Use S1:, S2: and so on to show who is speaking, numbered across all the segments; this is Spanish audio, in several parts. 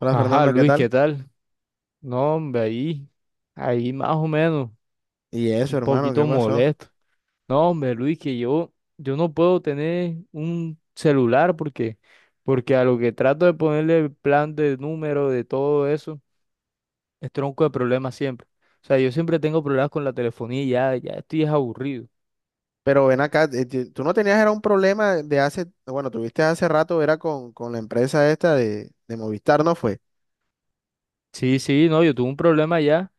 S1: Hola
S2: Ajá,
S1: Fernando, ¿qué
S2: Luis, ¿qué
S1: tal?
S2: tal? No, hombre, ahí, ahí más o menos,
S1: Y eso,
S2: un
S1: hermano, ¿qué
S2: poquito
S1: pasó?
S2: molesto. No, hombre, Luis, que yo no puedo tener un celular porque a lo que trato de ponerle el plan de número, de todo eso, es tronco de problemas siempre. O sea, yo siempre tengo problemas con la telefonía y ya, ya estoy es aburrido.
S1: Pero ven acá, tú no tenías, era un problema de hace, bueno, tuviste hace rato, era con la empresa esta de Movistar, ¿no fue?
S2: Sí, sí, no, yo tuve un problema ya,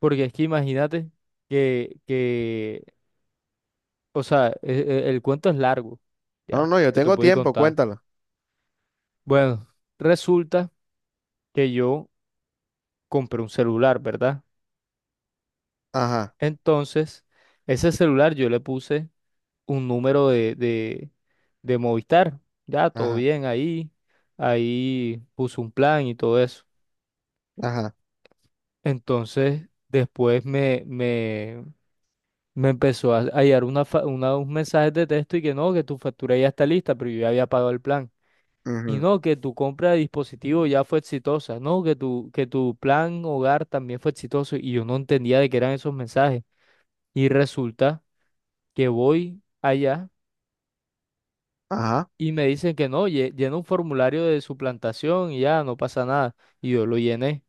S2: porque es que imagínate que, que, o sea, el, cuento es largo,
S1: No,
S2: ya,
S1: no, yo
S2: yo te
S1: tengo
S2: puedo ir
S1: tiempo,
S2: contando.
S1: cuéntalo.
S2: Bueno, resulta que yo compré un celular, ¿verdad?
S1: Ajá,
S2: Entonces, ese celular yo le puse un número de Movistar. Ya, todo
S1: ajá,
S2: bien ahí. Ahí puse un plan y todo eso.
S1: ajá,
S2: Entonces, me empezó a llegar un mensaje de texto y que no, que tu factura ya está lista, pero yo ya había pagado el plan. Y
S1: ujú,
S2: no, que tu compra de dispositivo ya fue exitosa, no, que tu plan hogar también fue exitoso y yo no entendía de qué eran esos mensajes. Y resulta que voy allá
S1: ajá,
S2: y me dicen que no, llena un formulario de suplantación y ya, no pasa nada. Y yo lo llené.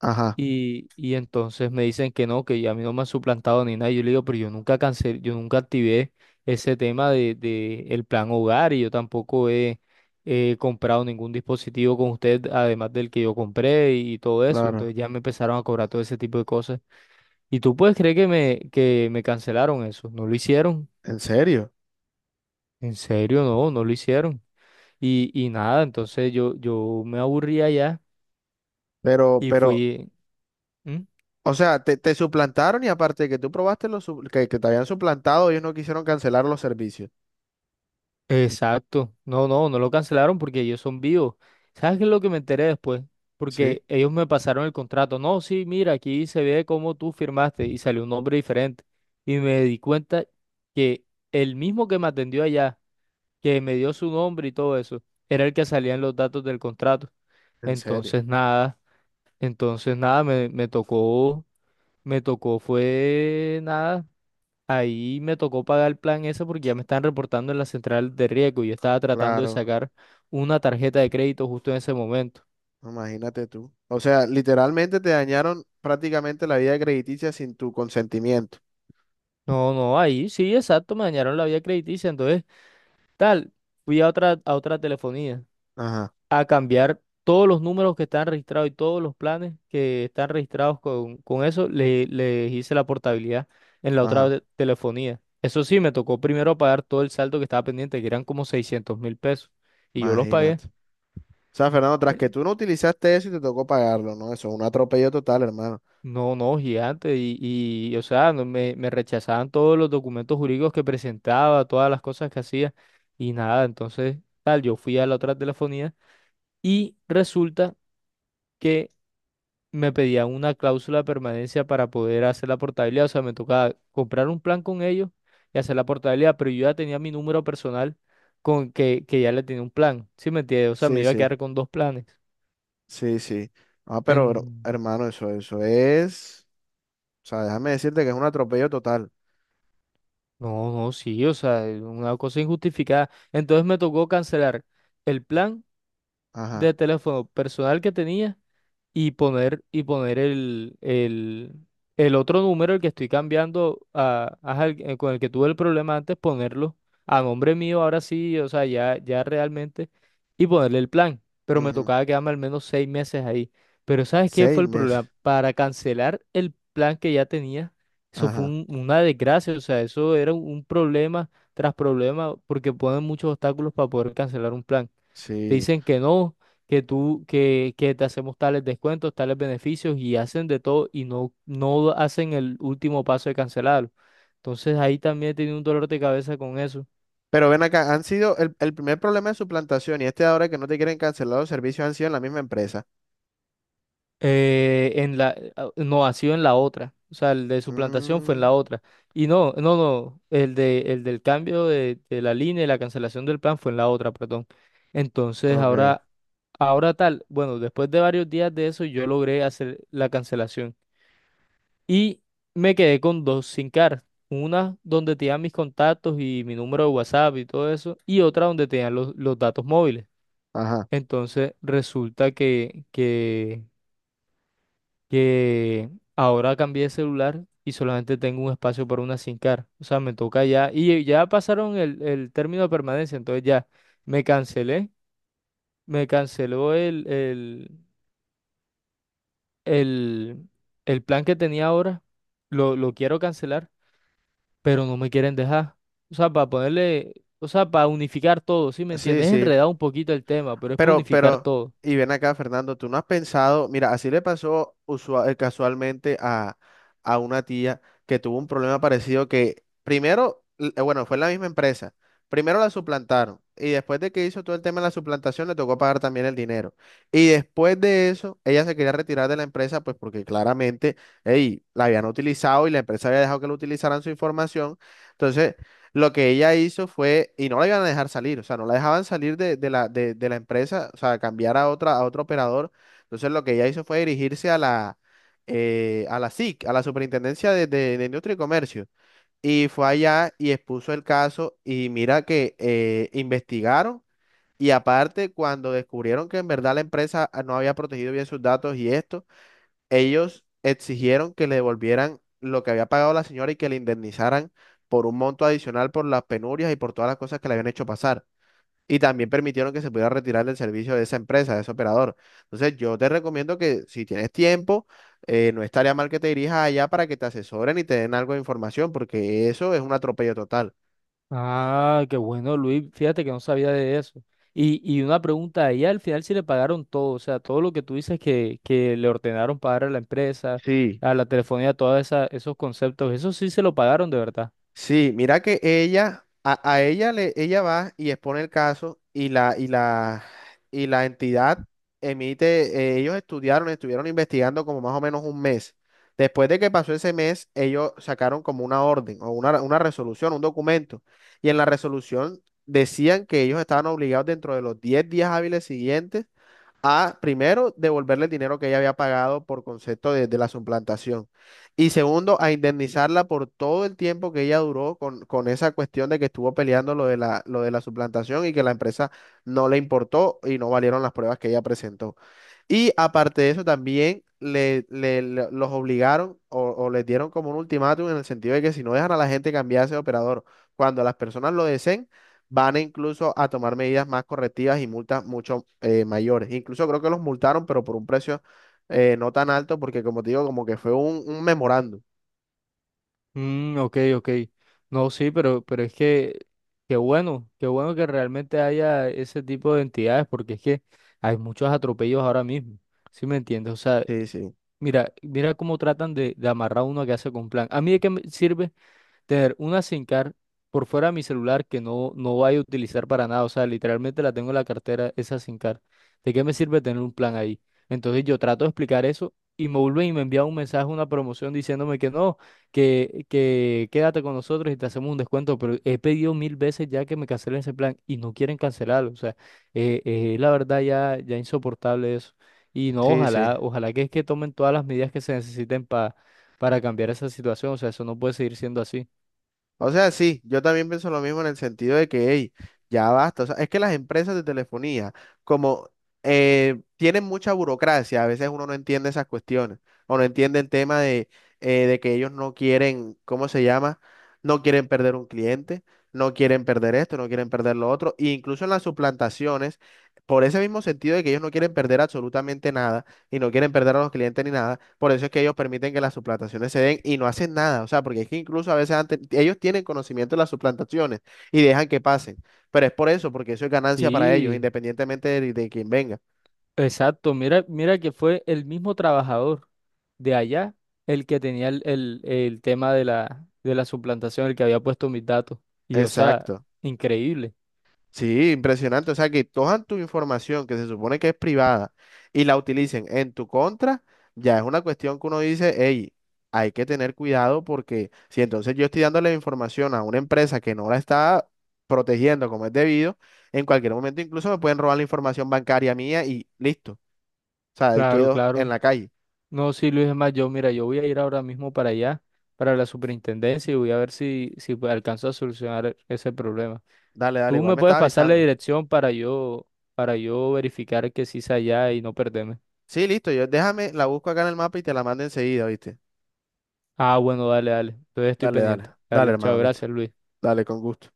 S1: ajá,
S2: Y entonces me dicen que no, que a mí no me han suplantado ni nada. Y yo le digo, pero yo nunca cancelé, yo nunca activé ese tema de el plan hogar y yo tampoco he, he comprado ningún dispositivo con usted, además del que yo compré y, todo eso.
S1: claro,
S2: Entonces ya me empezaron a cobrar todo ese tipo de cosas. ¿Y tú puedes creer que me cancelaron eso? ¿No lo hicieron?
S1: en serio.
S2: En serio, no, no lo hicieron. Y nada, entonces yo me aburría ya
S1: Pero,
S2: y
S1: pero,
S2: fui. ¿Mm?
S1: o sea, te suplantaron y aparte de que tú probaste los, que te habían suplantado, ellos no quisieron cancelar los servicios.
S2: Exacto. No, no, no lo cancelaron porque ellos son vivos. ¿Sabes qué es lo que me enteré después?
S1: Sí,
S2: Porque ellos me pasaron el contrato. No, sí, mira, aquí se ve cómo tú firmaste y salió un nombre diferente. Y me di cuenta que el mismo que me atendió allá, que me dio su nombre y todo eso, era el que salía en los datos del contrato.
S1: en serio,
S2: Entonces nada, entonces nada, me tocó fue nada. Ahí me tocó pagar el plan ese porque ya me están reportando en la central de riesgo y yo estaba tratando de
S1: claro.
S2: sacar una tarjeta de crédito justo en ese momento.
S1: Imagínate tú. O sea, literalmente te dañaron prácticamente la vida crediticia sin tu consentimiento.
S2: No, no, ahí sí, exacto, me dañaron la vía crediticia. Entonces, tal, fui a otra telefonía
S1: Ajá,
S2: a cambiar todos los números que están registrados y todos los planes que están registrados con eso, les hice la portabilidad en la otra
S1: ajá,
S2: telefonía. Eso sí, me tocó primero pagar todo el saldo que estaba pendiente, que eran como 600.000 pesos, y yo los pagué.
S1: imagínate. O sea, Fernando, tras que tú no utilizaste eso y te tocó pagarlo, ¿no? Eso es un atropello total, hermano.
S2: No, no, gigante. O sea, no, me rechazaban todos los documentos jurídicos que presentaba, todas las cosas que hacía y nada. Entonces, tal, yo fui a la otra telefonía y resulta que me pedían una cláusula de permanencia para poder hacer la portabilidad. O sea, me tocaba comprar un plan con ellos y hacer la portabilidad, pero yo ya tenía mi número personal con que ya le tenía un plan. ¿Sí me entiendes? O sea, me
S1: Sí,
S2: iba a
S1: sí,
S2: quedar con dos planes.
S1: sí, sí. Ah, pero, hermano, eso es. O sea, déjame decirte que es un atropello total.
S2: No, no, sí, o sea, es una cosa injustificada. Entonces me tocó cancelar el plan
S1: Ajá.
S2: de teléfono personal que tenía y poner el otro número, el que estoy cambiando a, ajá, con el que tuve el problema antes, ponerlo a nombre mío ahora sí, o sea, ya, ya realmente, y ponerle el plan. Pero me
S1: Ujú.
S2: tocaba quedarme al menos 6 meses ahí. Pero ¿sabes qué
S1: Seis
S2: fue el problema?
S1: meses.
S2: Para cancelar el plan que ya tenía, eso fue
S1: Ajá.
S2: una desgracia, o sea, eso era un problema tras problema, porque ponen muchos obstáculos para poder cancelar un plan. Te
S1: Sí.
S2: dicen que no, que te hacemos tales descuentos, tales beneficios y hacen de todo y no, no hacen el último paso de cancelarlo. Entonces ahí también he tenido un dolor de cabeza con eso.
S1: Pero ven acá, han sido el primer problema de suplantación y este ahora que no te quieren cancelar los servicios han sido en la misma empresa.
S2: En la, ah, no, ha sido en la otra. O sea, el de suplantación fue en
S1: Mm.
S2: la otra. Y no, no, no, el de, el del cambio de la línea y la cancelación del plan fue en la otra, perdón. Entonces
S1: Ok,
S2: ahora, ahora tal, bueno, después de varios días de eso yo logré hacer la cancelación. Y me quedé con dos SIM cards. Una donde tenían mis contactos y mi número de WhatsApp y todo eso. Y otra donde tenían los datos móviles.
S1: ajá.
S2: Entonces resulta que ahora cambié de celular y solamente tengo un espacio para una SIM card. O sea, me toca ya. Y ya pasaron el término de permanencia. Entonces ya me cancelé. Me canceló el, el plan que tenía ahora. Lo quiero cancelar pero no me quieren dejar. O sea, para ponerle, o sea, para unificar todo, ¿sí me
S1: Sí,
S2: entiendes? Es
S1: sí,
S2: enredado un poquito el tema, pero es para
S1: pero,
S2: unificar
S1: pero,
S2: todo.
S1: y ven acá, Fernando, tú no has pensado, mira, así le pasó casualmente a una tía que tuvo un problema parecido que primero, bueno, fue en la misma empresa, primero la suplantaron y después de que hizo todo el tema de la suplantación le tocó pagar también el dinero. Y después de eso, ella se quería retirar de la empresa, pues porque claramente, ey, la habían utilizado y la empresa había dejado que lo utilizaran su información. Entonces... lo que ella hizo fue, y no la iban a dejar salir, o sea, no la dejaban salir de, de la empresa, o sea, cambiar a otra, a otro operador. Entonces lo que ella hizo fue dirigirse a la SIC, a la Superintendencia de, de Industria y Comercio. Y fue allá y expuso el caso y mira que investigaron y aparte cuando descubrieron que en verdad la empresa no había protegido bien sus datos y esto ellos exigieron que le devolvieran lo que había pagado la señora y que le indemnizaran por un monto adicional por las penurias y por todas las cosas que le habían hecho pasar. Y también permitieron que se pudiera retirar del servicio de esa empresa, de ese operador. Entonces, yo te recomiendo que si tienes tiempo, no estaría mal que te dirijas allá para que te asesoren y te den algo de información, porque eso es un atropello total.
S2: Ah, qué bueno, Luis, fíjate que no sabía de eso. Y una pregunta, ahí al final sí le pagaron todo, o sea, todo lo que tú dices que le ordenaron pagar a la empresa,
S1: Sí.
S2: a la telefonía, todos esos conceptos, eso sí se lo pagaron de verdad.
S1: Sí, mira que a ella ella va y expone el caso y la entidad emite, ellos estudiaron, estuvieron investigando como más o menos un mes. Después de que pasó ese mes, ellos sacaron como una orden o una resolución, un documento. Y en la resolución decían que ellos estaban obligados dentro de los 10 días hábiles siguientes a, primero, devolverle el dinero que ella había pagado por concepto de la suplantación. Y segundo, a indemnizarla por todo el tiempo que ella duró con esa cuestión de que estuvo peleando lo de la suplantación y que la empresa no le importó y no valieron las pruebas que ella presentó. Y aparte de eso, también los obligaron o les dieron como un ultimátum en el sentido de que si no dejan a la gente cambiarse de operador cuando las personas lo deseen, van a incluso a tomar medidas más correctivas y multas mucho mayores. Incluso creo que los multaron, pero por un precio no tan alto, porque como te digo, como que fue un memorando.
S2: Mm, ok, ok. No, sí, pero es que, qué bueno que realmente haya ese tipo de entidades, porque es que hay muchos atropellos ahora mismo, ¿sí me entiendes? O sea,
S1: Sí, sí,
S2: mira, mira cómo tratan de amarrar a uno a que hace con plan. ¿A mí de qué me sirve tener una SIM card por fuera de mi celular que no, no vaya a utilizar para nada? O sea, literalmente la tengo en la cartera, esa SIM card. ¿De qué me sirve tener un plan ahí? Entonces yo trato de explicar eso y me vuelven y me envían un mensaje, una promoción diciéndome que no, que quédate con nosotros y te hacemos un descuento. Pero he pedido 1.000 veces ya que me cancelen ese plan y no quieren cancelarlo. O sea, la verdad ya, ya insoportable eso. Y no,
S1: sí, sí.
S2: ojalá, ojalá que es que tomen todas las medidas que se necesiten para cambiar esa situación. O sea, eso no puede seguir siendo así.
S1: O sea, sí, yo también pienso lo mismo en el sentido de que, hey, ya basta. O sea, es que las empresas de telefonía, como tienen mucha burocracia, a veces uno no entiende esas cuestiones o no entiende el tema de que ellos no quieren, ¿cómo se llama? No quieren perder un cliente, no quieren perder esto, no quieren perder lo otro. E incluso en las suplantaciones, por ese mismo sentido de que ellos no quieren perder absolutamente nada, y no quieren perder a los clientes ni nada. Por eso es que ellos permiten que las suplantaciones se den y no hacen nada. O sea, porque es que incluso a veces antes, ellos tienen conocimiento de las suplantaciones y dejan que pasen. Pero es por eso, porque eso es ganancia para ellos,
S2: Sí,
S1: independientemente de quién venga.
S2: exacto. Mira, mira que fue el mismo trabajador de allá el que tenía el tema de la suplantación, el que había puesto mis datos. Y o sea,
S1: Exacto.
S2: increíble.
S1: Sí, impresionante. O sea, que cojan tu información que se supone que es privada y la utilicen en tu contra, ya es una cuestión que uno dice, hey, hay que tener cuidado porque si entonces yo estoy dándole información a una empresa que no la está protegiendo como es debido, en cualquier momento incluso me pueden robar la información bancaria mía y listo. O sea, ahí
S2: Claro,
S1: quedo en
S2: claro.
S1: la calle.
S2: No, sí, Luis, es más, yo, mira, yo voy a ir ahora mismo para allá, para la superintendencia, y voy a ver si, si pues, alcanzo a solucionar ese problema.
S1: Dale, dale,
S2: Tú
S1: igual
S2: me
S1: me
S2: puedes
S1: estaba
S2: pasar la
S1: avisando.
S2: dirección para yo verificar que sí es allá y no perderme.
S1: Sí, listo, yo déjame, la busco acá en el mapa y te la mando enseguida, ¿viste?
S2: Ah, bueno, dale, dale. Entonces estoy
S1: Dale, dale,
S2: pendiente.
S1: dale,
S2: Dale, chao,
S1: hermano, listo.
S2: gracias, Luis.
S1: Dale, con gusto.